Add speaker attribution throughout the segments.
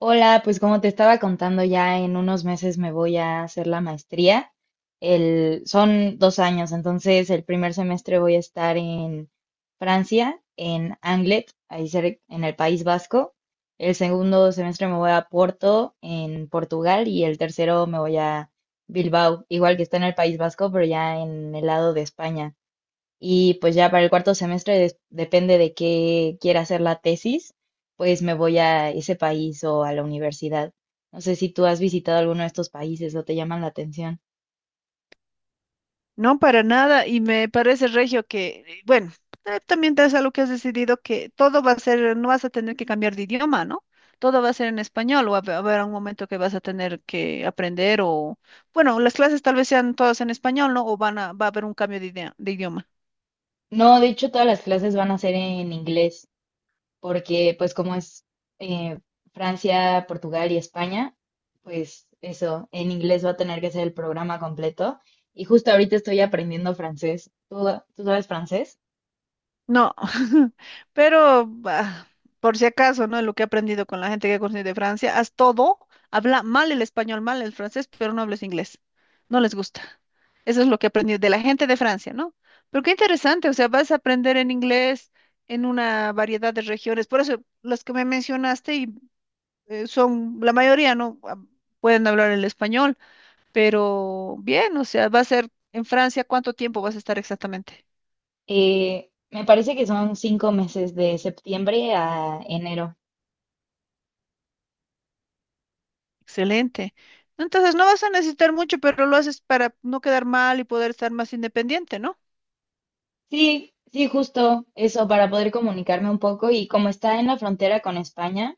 Speaker 1: Hola, pues como te estaba contando, ya en unos meses me voy a hacer la maestría. El, son dos años, entonces el primer semestre voy a estar en Francia, en Anglet, ahí en el País Vasco. El segundo semestre me voy a Porto, en Portugal, y el tercero me voy a Bilbao, igual que está en el País Vasco, pero ya en el lado de España. Y pues ya para el cuarto semestre, depende de qué quiera hacer la tesis, pues me voy a ese país o a la universidad. No sé si tú has visitado alguno de estos países o te llaman la atención.
Speaker 2: No, para nada, y me parece, Regio, que, bueno, también te es algo que has decidido que todo va a ser, no vas a tener que cambiar de idioma, ¿no? Todo va a ser en español, o va a haber un momento que vas a tener que aprender, o, bueno, las clases tal vez sean todas en español, ¿no? O va a haber un cambio de idioma.
Speaker 1: No, de hecho todas las clases van a ser en inglés, porque pues como es eh, Francia, Portugal y España, pues eso, en inglés va a tener que ser el programa completo. Y justo ahorita estoy aprendiendo francés. ¿Tú sabes francés?
Speaker 2: No, pero bah, por si acaso, ¿no? Lo que he aprendido con la gente que he conocido de Francia, haz todo, habla mal el español, mal el francés, pero no hables inglés. No les gusta. Eso es lo que he aprendido de la gente de Francia, ¿no? Pero qué interesante, o sea, vas a aprender en inglés en una variedad de regiones. Por eso, las que me mencionaste y, son, la mayoría, ¿no? Ah, pueden hablar el español, pero bien, o sea, va a ser en Francia, ¿cuánto tiempo vas a estar exactamente?
Speaker 1: Me parece que son cinco meses de septiembre a enero.
Speaker 2: Excelente. Entonces no vas a necesitar mucho, pero lo haces para no quedar mal y poder estar más independiente, ¿no?
Speaker 1: Sí, sí, justo eso, para poder comunicarme un poco. Y como está en la frontera con España,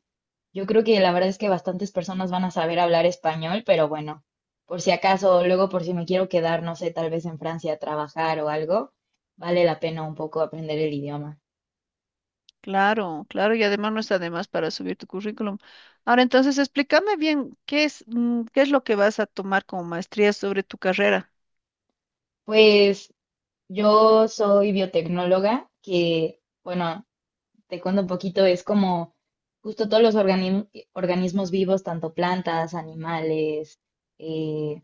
Speaker 1: yo creo que la verdad es que bastantes personas van a saber hablar español, pero bueno, por si acaso, luego por si me quiero quedar, no sé, tal vez en Francia a trabajar o algo, vale la pena un poco aprender el idioma.
Speaker 2: Claro, claro, y además no está de más para subir tu currículum. Ahora entonces explícame bien qué es lo que vas a tomar como maestría sobre tu carrera.
Speaker 1: Pues yo soy biotecnóloga, que bueno. Te cuento un poquito, es como justo todos los organismos vivos, tanto plantas, animales, eh,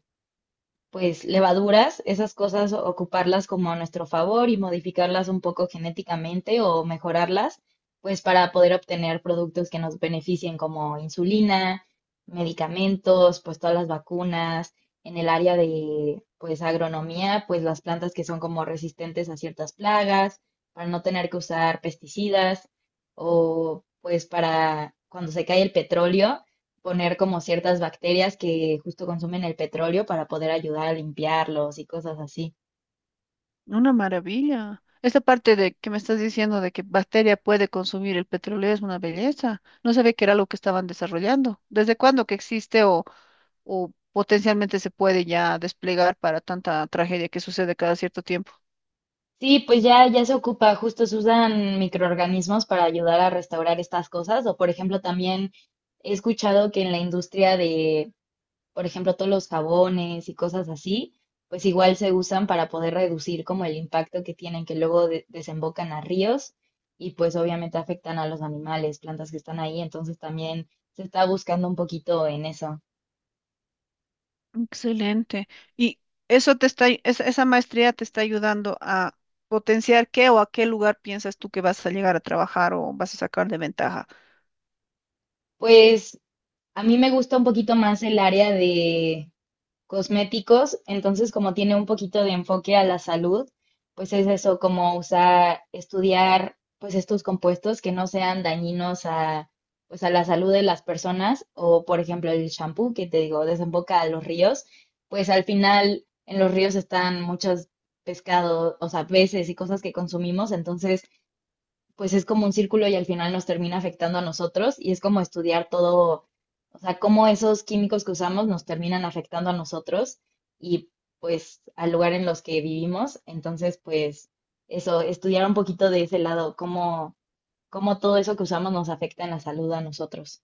Speaker 1: pues levaduras, esas cosas, ocuparlas como a nuestro favor y modificarlas un poco genéticamente o mejorarlas, pues para poder obtener productos que nos beneficien como insulina, medicamentos, pues todas las vacunas, en el área de pues agronomía, pues las plantas que son como resistentes a ciertas plagas, para no tener que usar pesticidas o pues para cuando se cae el petróleo poner como ciertas bacterias que justo consumen el petróleo para poder ayudar a limpiarlos y cosas así.
Speaker 2: Una maravilla. Esta parte de que me estás diciendo de que bacteria puede consumir el petróleo es una belleza. No sabía que era lo que estaban desarrollando. ¿Desde cuándo que existe o potencialmente se puede ya desplegar para tanta tragedia que sucede cada cierto tiempo?
Speaker 1: Sí, pues ya se ocupa, justo se usan microorganismos para ayudar a restaurar estas cosas. O por ejemplo, también he escuchado que en la industria de, por ejemplo, todos los jabones y cosas así, pues igual se usan para poder reducir como el impacto que tienen, que luego desembocan a ríos y pues obviamente afectan a los animales, plantas que están ahí. Entonces también se está buscando un poquito en eso.
Speaker 2: Excelente. ¿Y eso te está, esa maestría te está ayudando a potenciar qué o a qué lugar piensas tú que vas a llegar a trabajar o vas a sacar de ventaja?
Speaker 1: Pues a mí me gusta un poquito más el área de cosméticos, entonces como tiene un poquito de enfoque a la salud, pues es eso, como usar, estudiar pues estos compuestos que no sean dañinos a pues a la salud de las personas o por ejemplo el shampoo que te digo desemboca a los ríos, pues al final en los ríos están muchos pescados, o sea, peces y cosas que consumimos, entonces pues es como un círculo y al final nos termina afectando a nosotros y es como estudiar todo, o sea, cómo esos químicos que usamos nos terminan afectando a nosotros y pues al lugar en los que vivimos. Entonces, pues eso, estudiar un poquito de ese lado, cómo, cómo todo eso que usamos nos afecta en la salud a nosotros.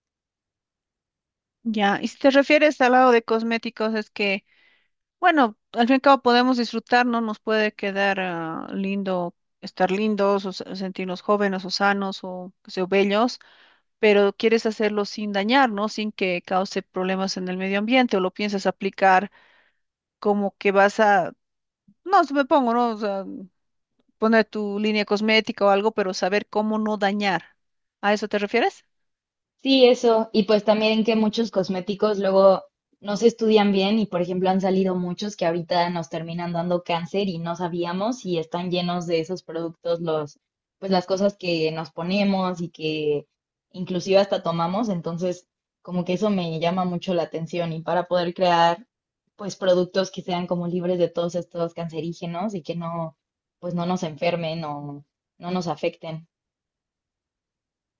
Speaker 2: Ya, y si te refieres al lado de cosméticos, es que, bueno, al fin y al cabo podemos disfrutar, ¿no? Nos puede quedar lindo, estar lindos, o sentirnos jóvenes o sanos o, qué sé yo, bellos, pero quieres hacerlo sin dañar, ¿no? Sin que cause problemas en el medio ambiente o lo piensas aplicar como que vas a, no, se me pongo, ¿no? poner tu línea cosmética o algo, pero saber cómo no dañar. ¿A eso te refieres?
Speaker 1: Sí, eso. Y pues también que muchos cosméticos luego no se estudian bien y, por ejemplo, han salido muchos que ahorita nos terminan dando cáncer y no sabíamos y están llenos de esos productos los, pues las cosas que nos ponemos y que inclusive hasta tomamos. Entonces, como que eso me llama mucho la atención y para poder crear pues productos que sean como libres de todos estos cancerígenos y que no, pues no nos enfermen o no nos afecten.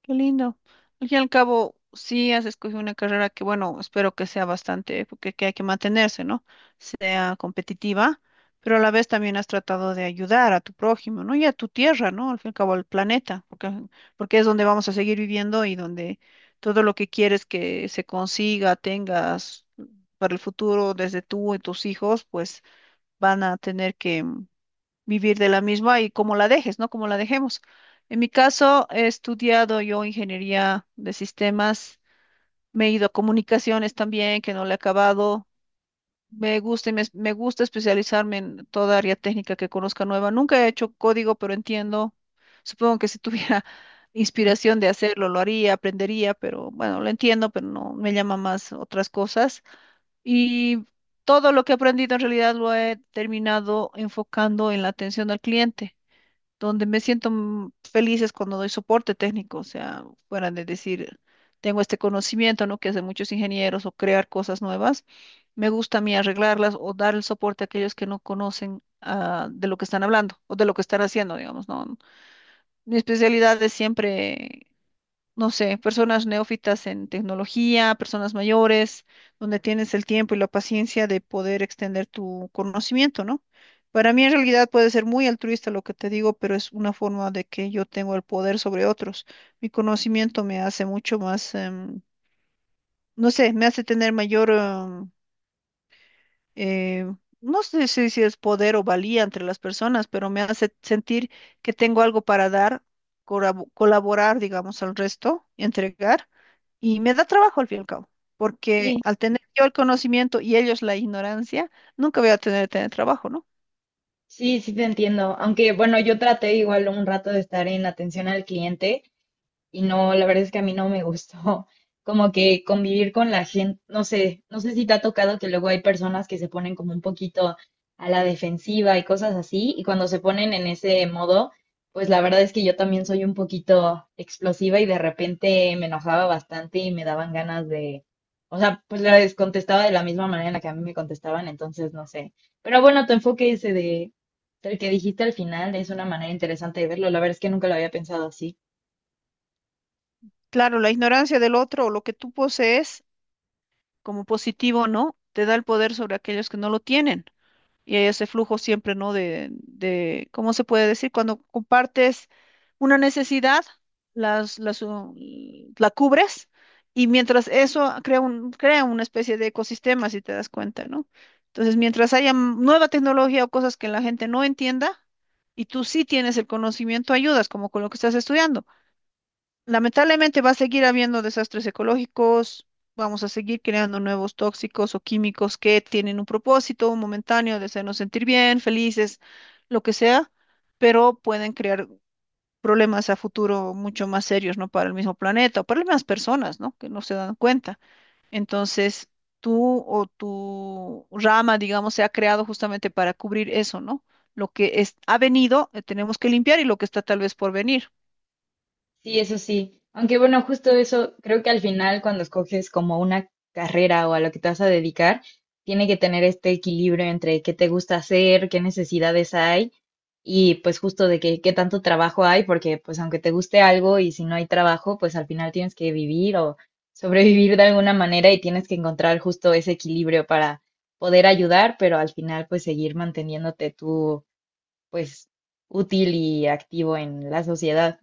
Speaker 2: Qué lindo. Al fin y al cabo, sí has escogido una carrera que, bueno, espero que sea bastante, porque que hay que mantenerse, ¿no? Sea competitiva, pero a la vez también has tratado de ayudar a tu prójimo, ¿no? Y a tu tierra, ¿no? Al fin y al cabo, al planeta, porque, porque es donde vamos a seguir viviendo y donde todo lo que quieres que se consiga, tengas para el futuro, desde tú y tus hijos, pues van a tener que vivir de la misma y cómo la dejes, ¿no? Cómo la dejemos. En mi caso, he estudiado yo ingeniería de sistemas, me he ido a comunicaciones también, que no le he acabado. Me gusta y me gusta especializarme en toda área técnica que conozca nueva. Nunca he hecho código, pero entiendo. Supongo que si tuviera inspiración de hacerlo, lo haría, aprendería, pero bueno, lo entiendo, pero no me llama más otras cosas. Y todo lo que he aprendido en realidad lo he terminado enfocando en la atención al cliente donde me siento feliz es cuando doy soporte técnico, o sea, fuera de decir, tengo este conocimiento, ¿no? Que hacen muchos ingenieros o crear cosas nuevas. Me gusta a mí arreglarlas o dar el soporte a aquellos que no conocen de lo que están hablando o de lo que están haciendo, digamos, ¿no? Mi especialidad es siempre no sé, personas neófitas en tecnología, personas mayores, donde tienes el tiempo y la paciencia de poder extender tu conocimiento, ¿no? Para mí en realidad puede ser muy altruista lo que te digo, pero es una forma de que yo tengo el poder sobre otros. Mi conocimiento me hace mucho más, no sé, me hace tener mayor, eh, no sé si, si es poder o valía entre las personas, pero me hace sentir que tengo algo para dar, colaborar, digamos, al resto, entregar, y me da trabajo al fin y al cabo, porque
Speaker 1: Sí.
Speaker 2: al tener yo el conocimiento y ellos la ignorancia, nunca voy a tener trabajo, ¿no?
Speaker 1: Sí, sí te entiendo. Aunque bueno, yo traté igual un rato de estar en atención al cliente y no, la verdad es que a mí no me gustó como que convivir con la gente, no sé, no sé si te ha tocado que luego hay personas que se ponen como un poquito a la defensiva y cosas así, y cuando se ponen en ese modo, pues la verdad es que yo también soy un poquito explosiva y de repente me enojaba bastante y me daban ganas de, o sea, pues les contestaba de la misma manera en la que a mí me contestaban, entonces no sé. Pero bueno, tu enfoque ese de, del que dijiste al final es una manera interesante de verlo, la verdad es que nunca lo había pensado así.
Speaker 2: Claro, la ignorancia del otro o lo que tú posees como positivo, ¿no? Te da el poder sobre aquellos que no lo tienen. Y hay ese flujo siempre, ¿no? ¿Cómo se puede decir? Cuando compartes una necesidad, las, las, uh, la cubres y mientras eso crea una especie de ecosistema, si te das cuenta, ¿no? Entonces, mientras haya nueva tecnología o cosas que la gente no entienda y tú sí tienes el conocimiento, ayudas, como con lo que estás estudiando. Lamentablemente va a seguir habiendo desastres ecológicos, vamos a seguir creando nuevos tóxicos o químicos que tienen un propósito momentáneo de hacernos sentir bien, felices, lo que sea, pero pueden crear problemas a futuro mucho más serios, ¿no? Para el mismo planeta o para las mismas personas, ¿no? Que no se dan cuenta. Entonces, tú o tu rama, digamos, se ha creado justamente para cubrir eso, ¿no? Lo que es, ha venido, tenemos que limpiar y lo que está tal vez por venir.
Speaker 1: Sí, eso sí. Aunque bueno, justo eso, creo que al final cuando escoges como una carrera o a lo que te vas a dedicar, tiene que tener este equilibrio entre qué te gusta hacer, qué necesidades hay y pues justo de que, qué tanto trabajo hay, porque pues aunque te guste algo y si no hay trabajo, pues al final tienes que vivir o sobrevivir de alguna manera y tienes que encontrar justo ese equilibrio para poder ayudar, pero al final pues seguir manteniéndote tú pues útil y activo en la sociedad.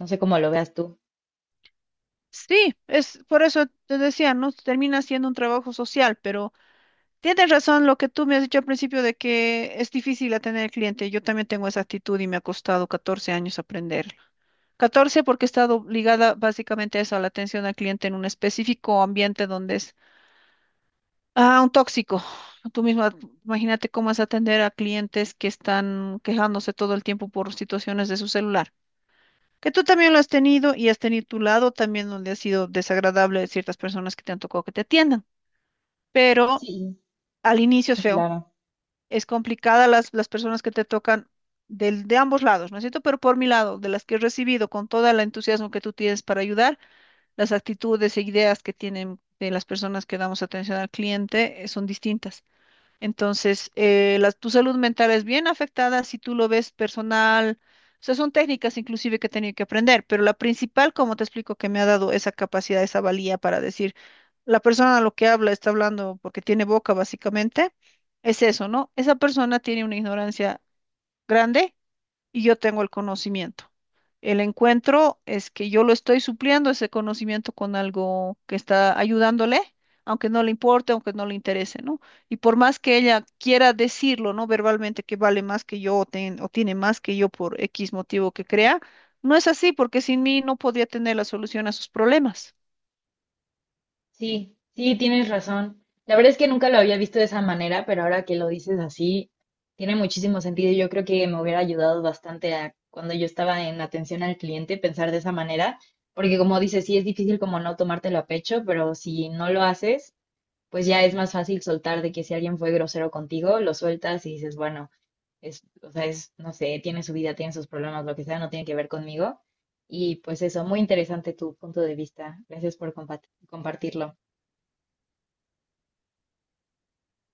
Speaker 1: No sé cómo lo veas tú.
Speaker 2: Sí, es por eso te decía, ¿no? Termina siendo un trabajo social, pero tienes razón lo que tú me has dicho al principio de que es difícil atender al cliente. Yo también tengo esa actitud y me ha costado 14 años aprenderlo. 14 porque he estado ligada básicamente a eso, a la atención al cliente en un específico ambiente donde es un tóxico. Tú misma, imagínate cómo es atender a clientes que están quejándose todo el tiempo por situaciones de su celular. Que tú también lo has tenido y has tenido tu lado también donde ha sido desagradable de ciertas personas que te han tocado que te atiendan. Pero
Speaker 1: Sí,
Speaker 2: al inicio es
Speaker 1: sí,
Speaker 2: feo.
Speaker 1: claro.
Speaker 2: Es complicada las personas que te tocan del, de ambos lados, ¿no es cierto? Pero por mi lado, de las que he recibido con todo el entusiasmo que tú tienes para ayudar, las actitudes e ideas que tienen de las personas que damos atención al cliente son distintas. Entonces, tu salud mental es bien afectada si tú lo ves personal. O sea, son técnicas inclusive que he tenido que aprender, pero la principal, como te explico, que me ha dado esa capacidad, esa valía para decir, la persona a lo que habla está hablando porque tiene boca, básicamente, es eso, ¿no? Esa persona tiene una ignorancia grande y yo tengo el conocimiento. El encuentro es que yo lo estoy supliendo ese conocimiento con algo que está ayudándole, aunque no le importe, aunque no le interese, ¿no? Y por más que ella quiera decirlo, ¿no? Verbalmente que vale más que yo o tiene más que yo por X motivo que crea, no es así porque sin mí no podría tener la solución a sus problemas.
Speaker 1: Sí, sí, tienes razón. La verdad es que nunca lo había visto de esa manera, pero ahora que lo dices así, tiene muchísimo sentido. Yo creo que me hubiera ayudado bastante a cuando yo estaba en atención al cliente pensar de esa manera, porque como dices, sí es difícil como no tomártelo a pecho, pero si no lo haces, pues ya es más fácil soltar de que si alguien fue grosero contigo, lo sueltas y dices, bueno. Es, o sea, es, no sé, tiene su vida, tiene sus problemas, lo que sea, no tiene que ver conmigo. Y pues eso, muy interesante tu punto de vista. Gracias por compartirlo.